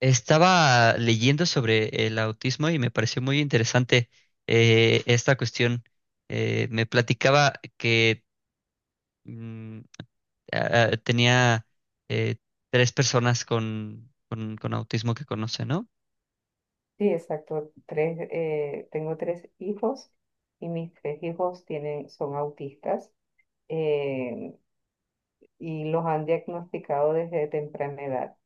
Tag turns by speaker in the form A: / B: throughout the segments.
A: Estaba leyendo sobre el autismo y me pareció muy interesante esta cuestión. Me platicaba que mm, tenía eh, tres personas con autismo que conoce, ¿no?
B: Sí, exacto. Tres, tengo tres hijos y mis tres hijos tienen, son autistas eh, y los han diagnosticado desde temprana edad.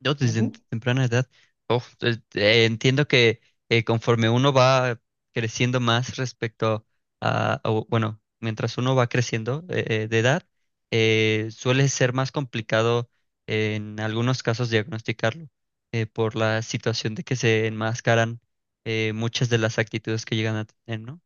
A: Yo desde
B: Ujú.
A: temprana edad, oh, entiendo que conforme uno va creciendo más respecto a, o, bueno, mientras uno va creciendo de edad, suele ser más complicado en algunos casos diagnosticarlo por la situación de que se enmascaran muchas de las actitudes que llegan a tener, ¿no?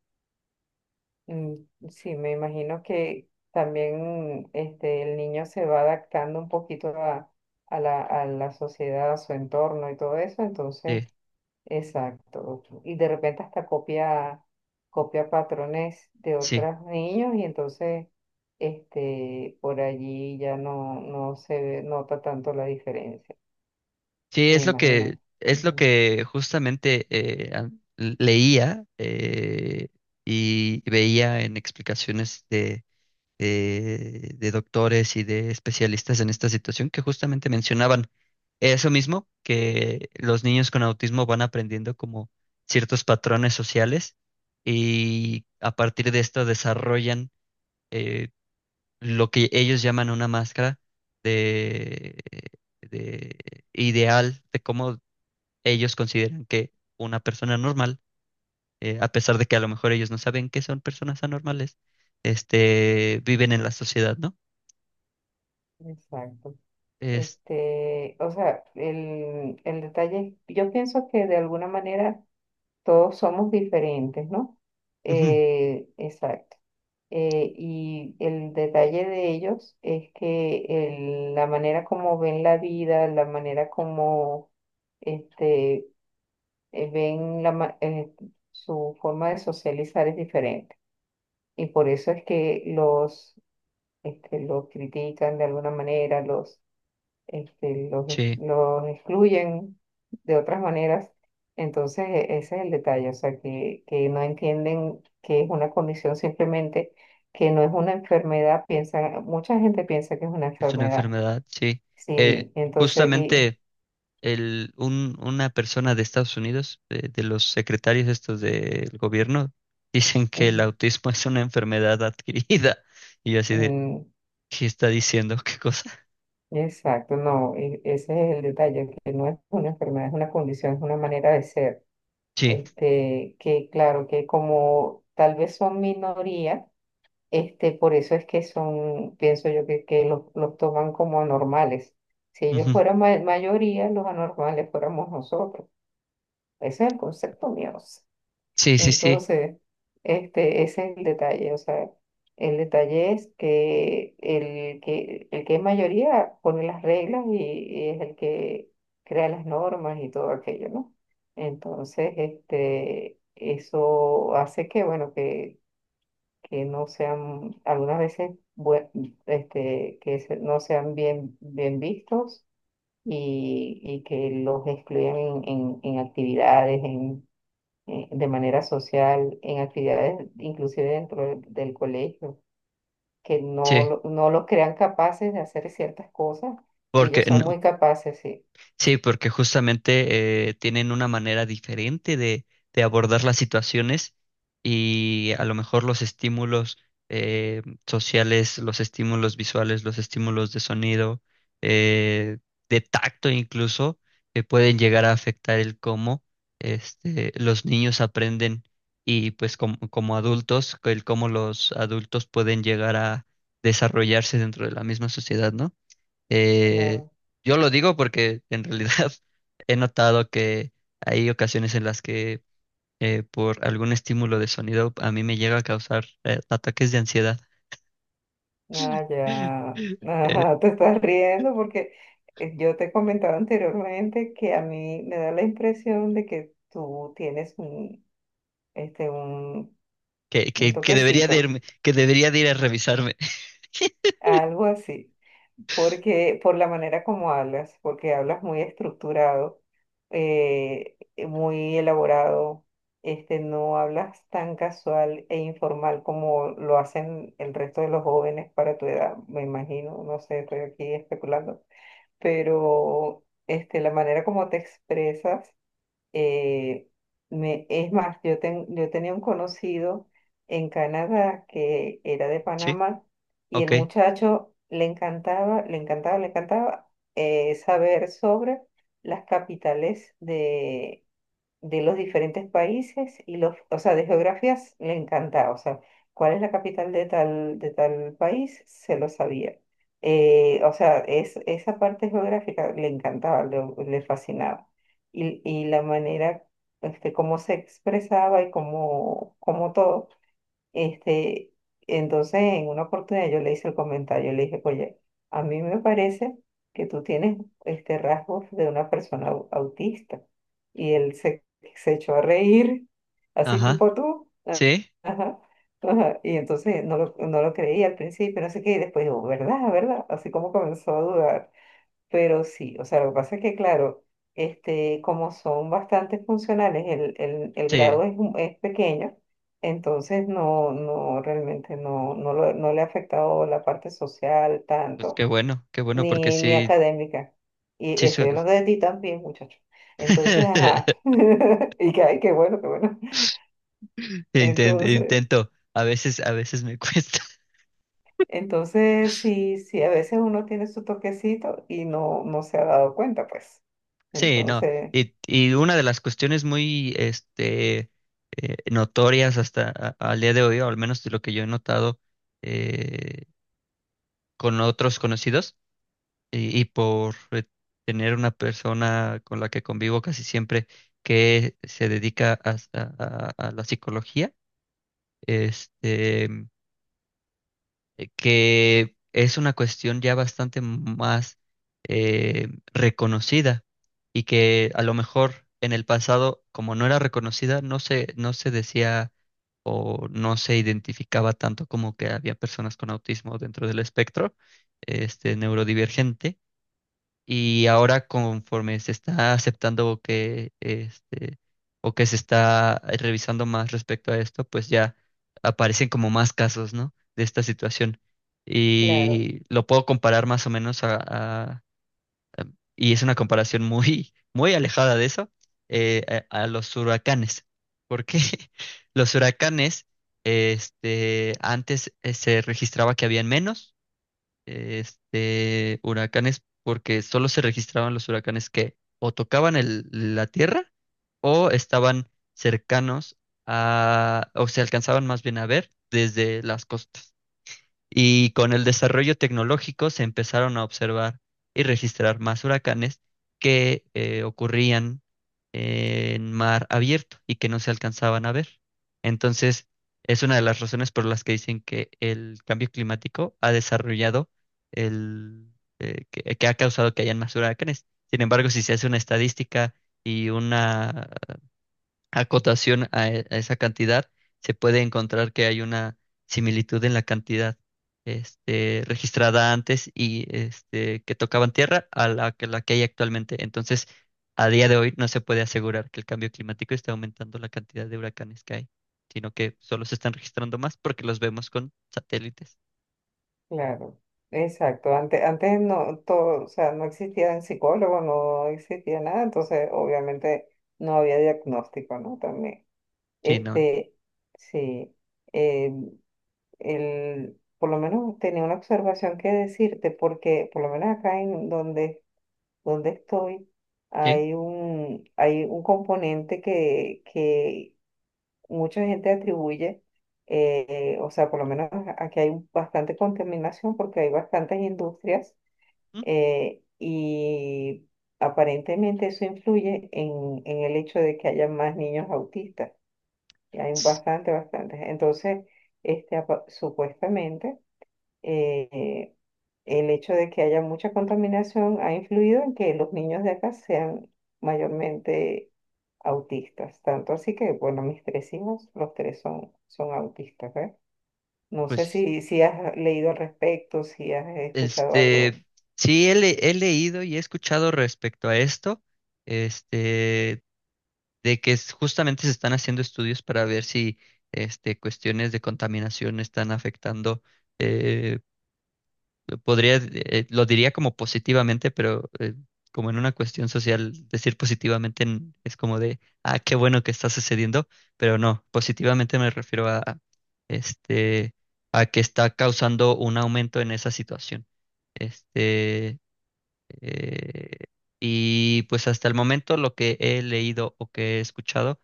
B: Mm, sí, me imagino que también este, el niño se va adaptando un poquito a la sociedad, a su entorno y todo eso. Entonces,
A: Eh,
B: exacto. Y de repente hasta copia patrones de
A: Sí.
B: otros niños y entonces este, por allí ya no nota tanto la diferencia,
A: Sí,
B: me imagino.
A: es lo
B: Ujú,
A: que justamente leía, y veía en explicaciones de doctores y de especialistas en esta situación que justamente mencionaban eso mismo, que los niños con autismo van aprendiendo como ciertos patrones sociales y a partir de esto desarrollan eh, lo que ellos llaman una máscara de, de ideal de cómo ellos consideran que una persona normal, a pesar de que a lo mejor ellos no saben que son personas anormales, este, viven en la sociedad, ¿no?
B: exacto.
A: Es,
B: Este, o sea, el detalle, yo pienso que de alguna manera todos somos diferentes, ¿no?
A: ujú,
B: Exacto. Y el detalle de ellos es que la manera como ven la vida, la manera como este, ven su forma de socializar es diferente. Y por eso es que los, este, los critican de alguna manera, los este, los, ex-
A: sí,
B: los excluyen de otras maneras. Entonces, ese es el detalle, o sea, que no entienden que es una condición simplemente, que no es una enfermedad, mucha gente piensa que es una
A: es una
B: enfermedad.
A: enfermedad, sí. Eh,
B: Sí, entonces, y,
A: Justamente el, un, una persona de Estados Unidos, de los secretarios estos del gobierno, dicen que el
B: ujú,
A: autismo es una enfermedad adquirida. Y yo así de,
B: mm,
A: ¿qué está diciendo? ¿Qué cosa?
B: exacto, no, ese es el detalle, que no es una enfermedad, es una condición, es una manera de ser.
A: Sí,
B: Este, que claro, que como tal vez son minoría, este, por eso es que son, pienso yo, que los toman como anormales. Si ellos
A: ujú,
B: fueran mayoría, los anormales fuéramos nosotros. Ese es el concepto mío, o sea.
A: sí, sí, sí,
B: Entonces, este, ese es el detalle. O sea, el detalle es que el que es mayoría pone las reglas y es el que crea las normas y todo aquello, ¿no? Entonces, este, eso hace que, bueno, que no sean, algunas veces, este, no sean bien, bien vistos y que los excluyan en, en actividades, en, de manera social, en actividades inclusive dentro del colegio, que no,
A: sí.
B: no los crean capaces de hacer ciertas cosas y
A: Porque
B: ellos son muy capaces, sí,
A: sí, porque justamente tienen una manera diferente de abordar las situaciones y a lo mejor los estímulos sociales, los estímulos visuales, los estímulos de sonido, eh, de tacto incluso, que pueden llegar a afectar el cómo este, los niños aprenden y pues como, como adultos, el cómo los adultos pueden llegar a desarrollarse dentro de la misma sociedad, ¿no? Eh,
B: claro.
A: yo lo digo porque en realidad he notado que hay ocasiones en las que por algún estímulo de sonido a mí me llega a causar ataques de ansiedad
B: Ah, ya.
A: eh,
B: Ajá, te estás riendo porque yo te comentaba anteriormente que a mí me da la impresión de que tú tienes un, este, un,
A: que,
B: un
A: que, que debería de
B: toquecito,
A: irme, que debería de ir a revisarme.
B: algo así, porque por la manera como hablas, porque hablas muy estructurado, eh, muy elaborado, este, no hablas tan casual e informal como lo hacen el resto de los jóvenes para tu edad, me imagino, no sé, estoy aquí especulando, pero este, la manera como te expresas, eh, me, es más, yo, yo tenía un conocido en Canadá que era de
A: Sí,
B: Panamá y
A: ok,
B: el muchacho le encantaba, le encantaba, le encantaba saber sobre las capitales de los diferentes países y los, o sea, de geografías le encantaba, o sea, cuál es la capital de tal país, se lo sabía. O sea, esa parte geográfica le encantaba, le fascinaba. Y la manera, este, cómo se expresaba y cómo todo. Este, entonces, en una oportunidad yo le hice el comentario, le dije, oye, a mí me parece que tú tienes este rasgos de una persona autista. Y él se echó a reír, así
A: ajá,
B: tipo tú. Ah,
A: sí,
B: ajá, ajá. Y entonces no lo creía al principio, no sé qué, y después digo, ¿verdad? ¿Verdad? Así como comenzó a dudar. Pero sí, o sea, lo que pasa es que, claro, este, como son bastante funcionales, el
A: sí,
B: grado es pequeño, entonces realmente no le ha afectado la parte social
A: pues
B: tanto,
A: qué bueno porque
B: ni
A: sí,
B: académica. Y
A: sí,
B: estoy hablando de ti también, muchacho. Entonces, ajá. Y que, ay, qué bueno, qué bueno. Entonces,
A: Intento, a veces me cuesta.
B: entonces, sí, sí, a veces uno tiene su toquecito y no se ha dado cuenta, pues.
A: Sí, no.
B: Entonces,
A: Y una de las cuestiones muy este, notorias hasta al día de hoy, o al menos de lo que yo he notado eh, con otros conocidos, y por tener una persona con la que convivo casi siempre que se dedica a la psicología, este. Que es una cuestión ya bastante más reconocida y que a lo mejor en el pasado, como no era reconocida, no se, no se decía o no se identificaba tanto como que había personas con autismo dentro del espectro este, neurodivergente y ahora conforme se está aceptando que este o que se está revisando más respecto a esto, pues ya aparecen como más casos, ¿no? De esta situación.
B: claro.
A: Y lo puedo comparar más o menos a, a- y es una comparación muy muy alejada de eso a los huracanes, porque los huracanes este antes se registraba que habían menos este, huracanes porque solo se registraban los huracanes que o tocaban la tierra o estaban cercanos a, o se alcanzaban más bien a ver desde las costas. Y con el desarrollo tecnológico se empezaron a observar y registrar más huracanes que ocurrían en mar abierto y que no se alcanzaban a ver. Entonces, es una de las razones por las que dicen que el cambio climático ha desarrollado el que ha causado que hayan más huracanes. Sin embargo, si se hace una estadística y una acotación a esa cantidad, se puede encontrar que hay una similitud en la cantidad este, registrada antes y este, que tocaban tierra a la que hay actualmente. Entonces, a día de hoy no se puede asegurar que el cambio climático esté aumentando la cantidad de huracanes que hay, sino que solo se están registrando más porque los vemos con satélites.
B: Claro, exacto. Antes, no, todo, o sea, no existían psicólogos, no existía nada, entonces obviamente no había diagnóstico, ¿no? También.
A: Sí, no.
B: Este, sí, eh, el, por lo menos tenía una observación que decirte, porque por lo menos acá en donde estoy
A: Sí.
B: hay un componente que mucha gente atribuye, o sea, por lo menos aquí hay bastante contaminación porque hay bastantes industrias
A: ¿Mm?
B: y aparentemente eso influye en el hecho de que haya más niños autistas. Y hay bastante, bastante. Entonces, este, supuestamente eh, el hecho de que haya mucha contaminación ha influido en que los niños de acá sean mayormente autistas. Tanto así que, bueno, mis tres hijos, los tres son autistas, ¿eh? No sé
A: Pues,
B: si has leído al respecto, si, has escuchado algo.
A: este, sí, he, he leído y he escuchado respecto a esto. Este, de que justamente se están haciendo estudios para ver si este, cuestiones de contaminación están afectando, eh, podría, lo diría como positivamente, pero como en una cuestión social, decir positivamente es como de, ah, qué bueno que está sucediendo, pero no, positivamente me refiero a, este, a que está causando un aumento en esa situación. Este, eh, y pues hasta el momento lo que he leído o que he escuchado,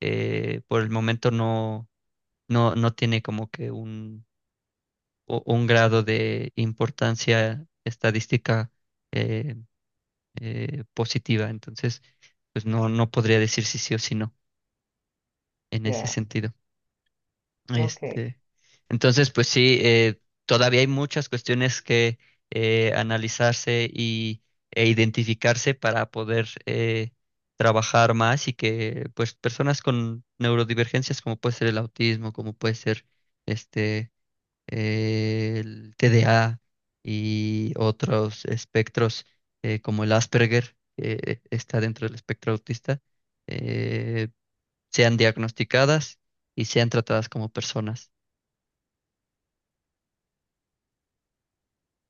A: por el momento no, no tiene como que un, un grado de importancia estadística eh, positiva. Entonces, pues no, no podría decir si sí o si no en ese
B: Ya,
A: sentido.
B: ok.
A: Este, entonces, pues sí, todavía hay muchas cuestiones que analizarse y, e identificarse para poder trabajar más y que pues personas con neurodivergencias como puede ser el autismo, como puede ser este el TDA y otros espectros como el Asperger, que está dentro del espectro autista, eh, sean diagnosticadas y sean tratadas como personas.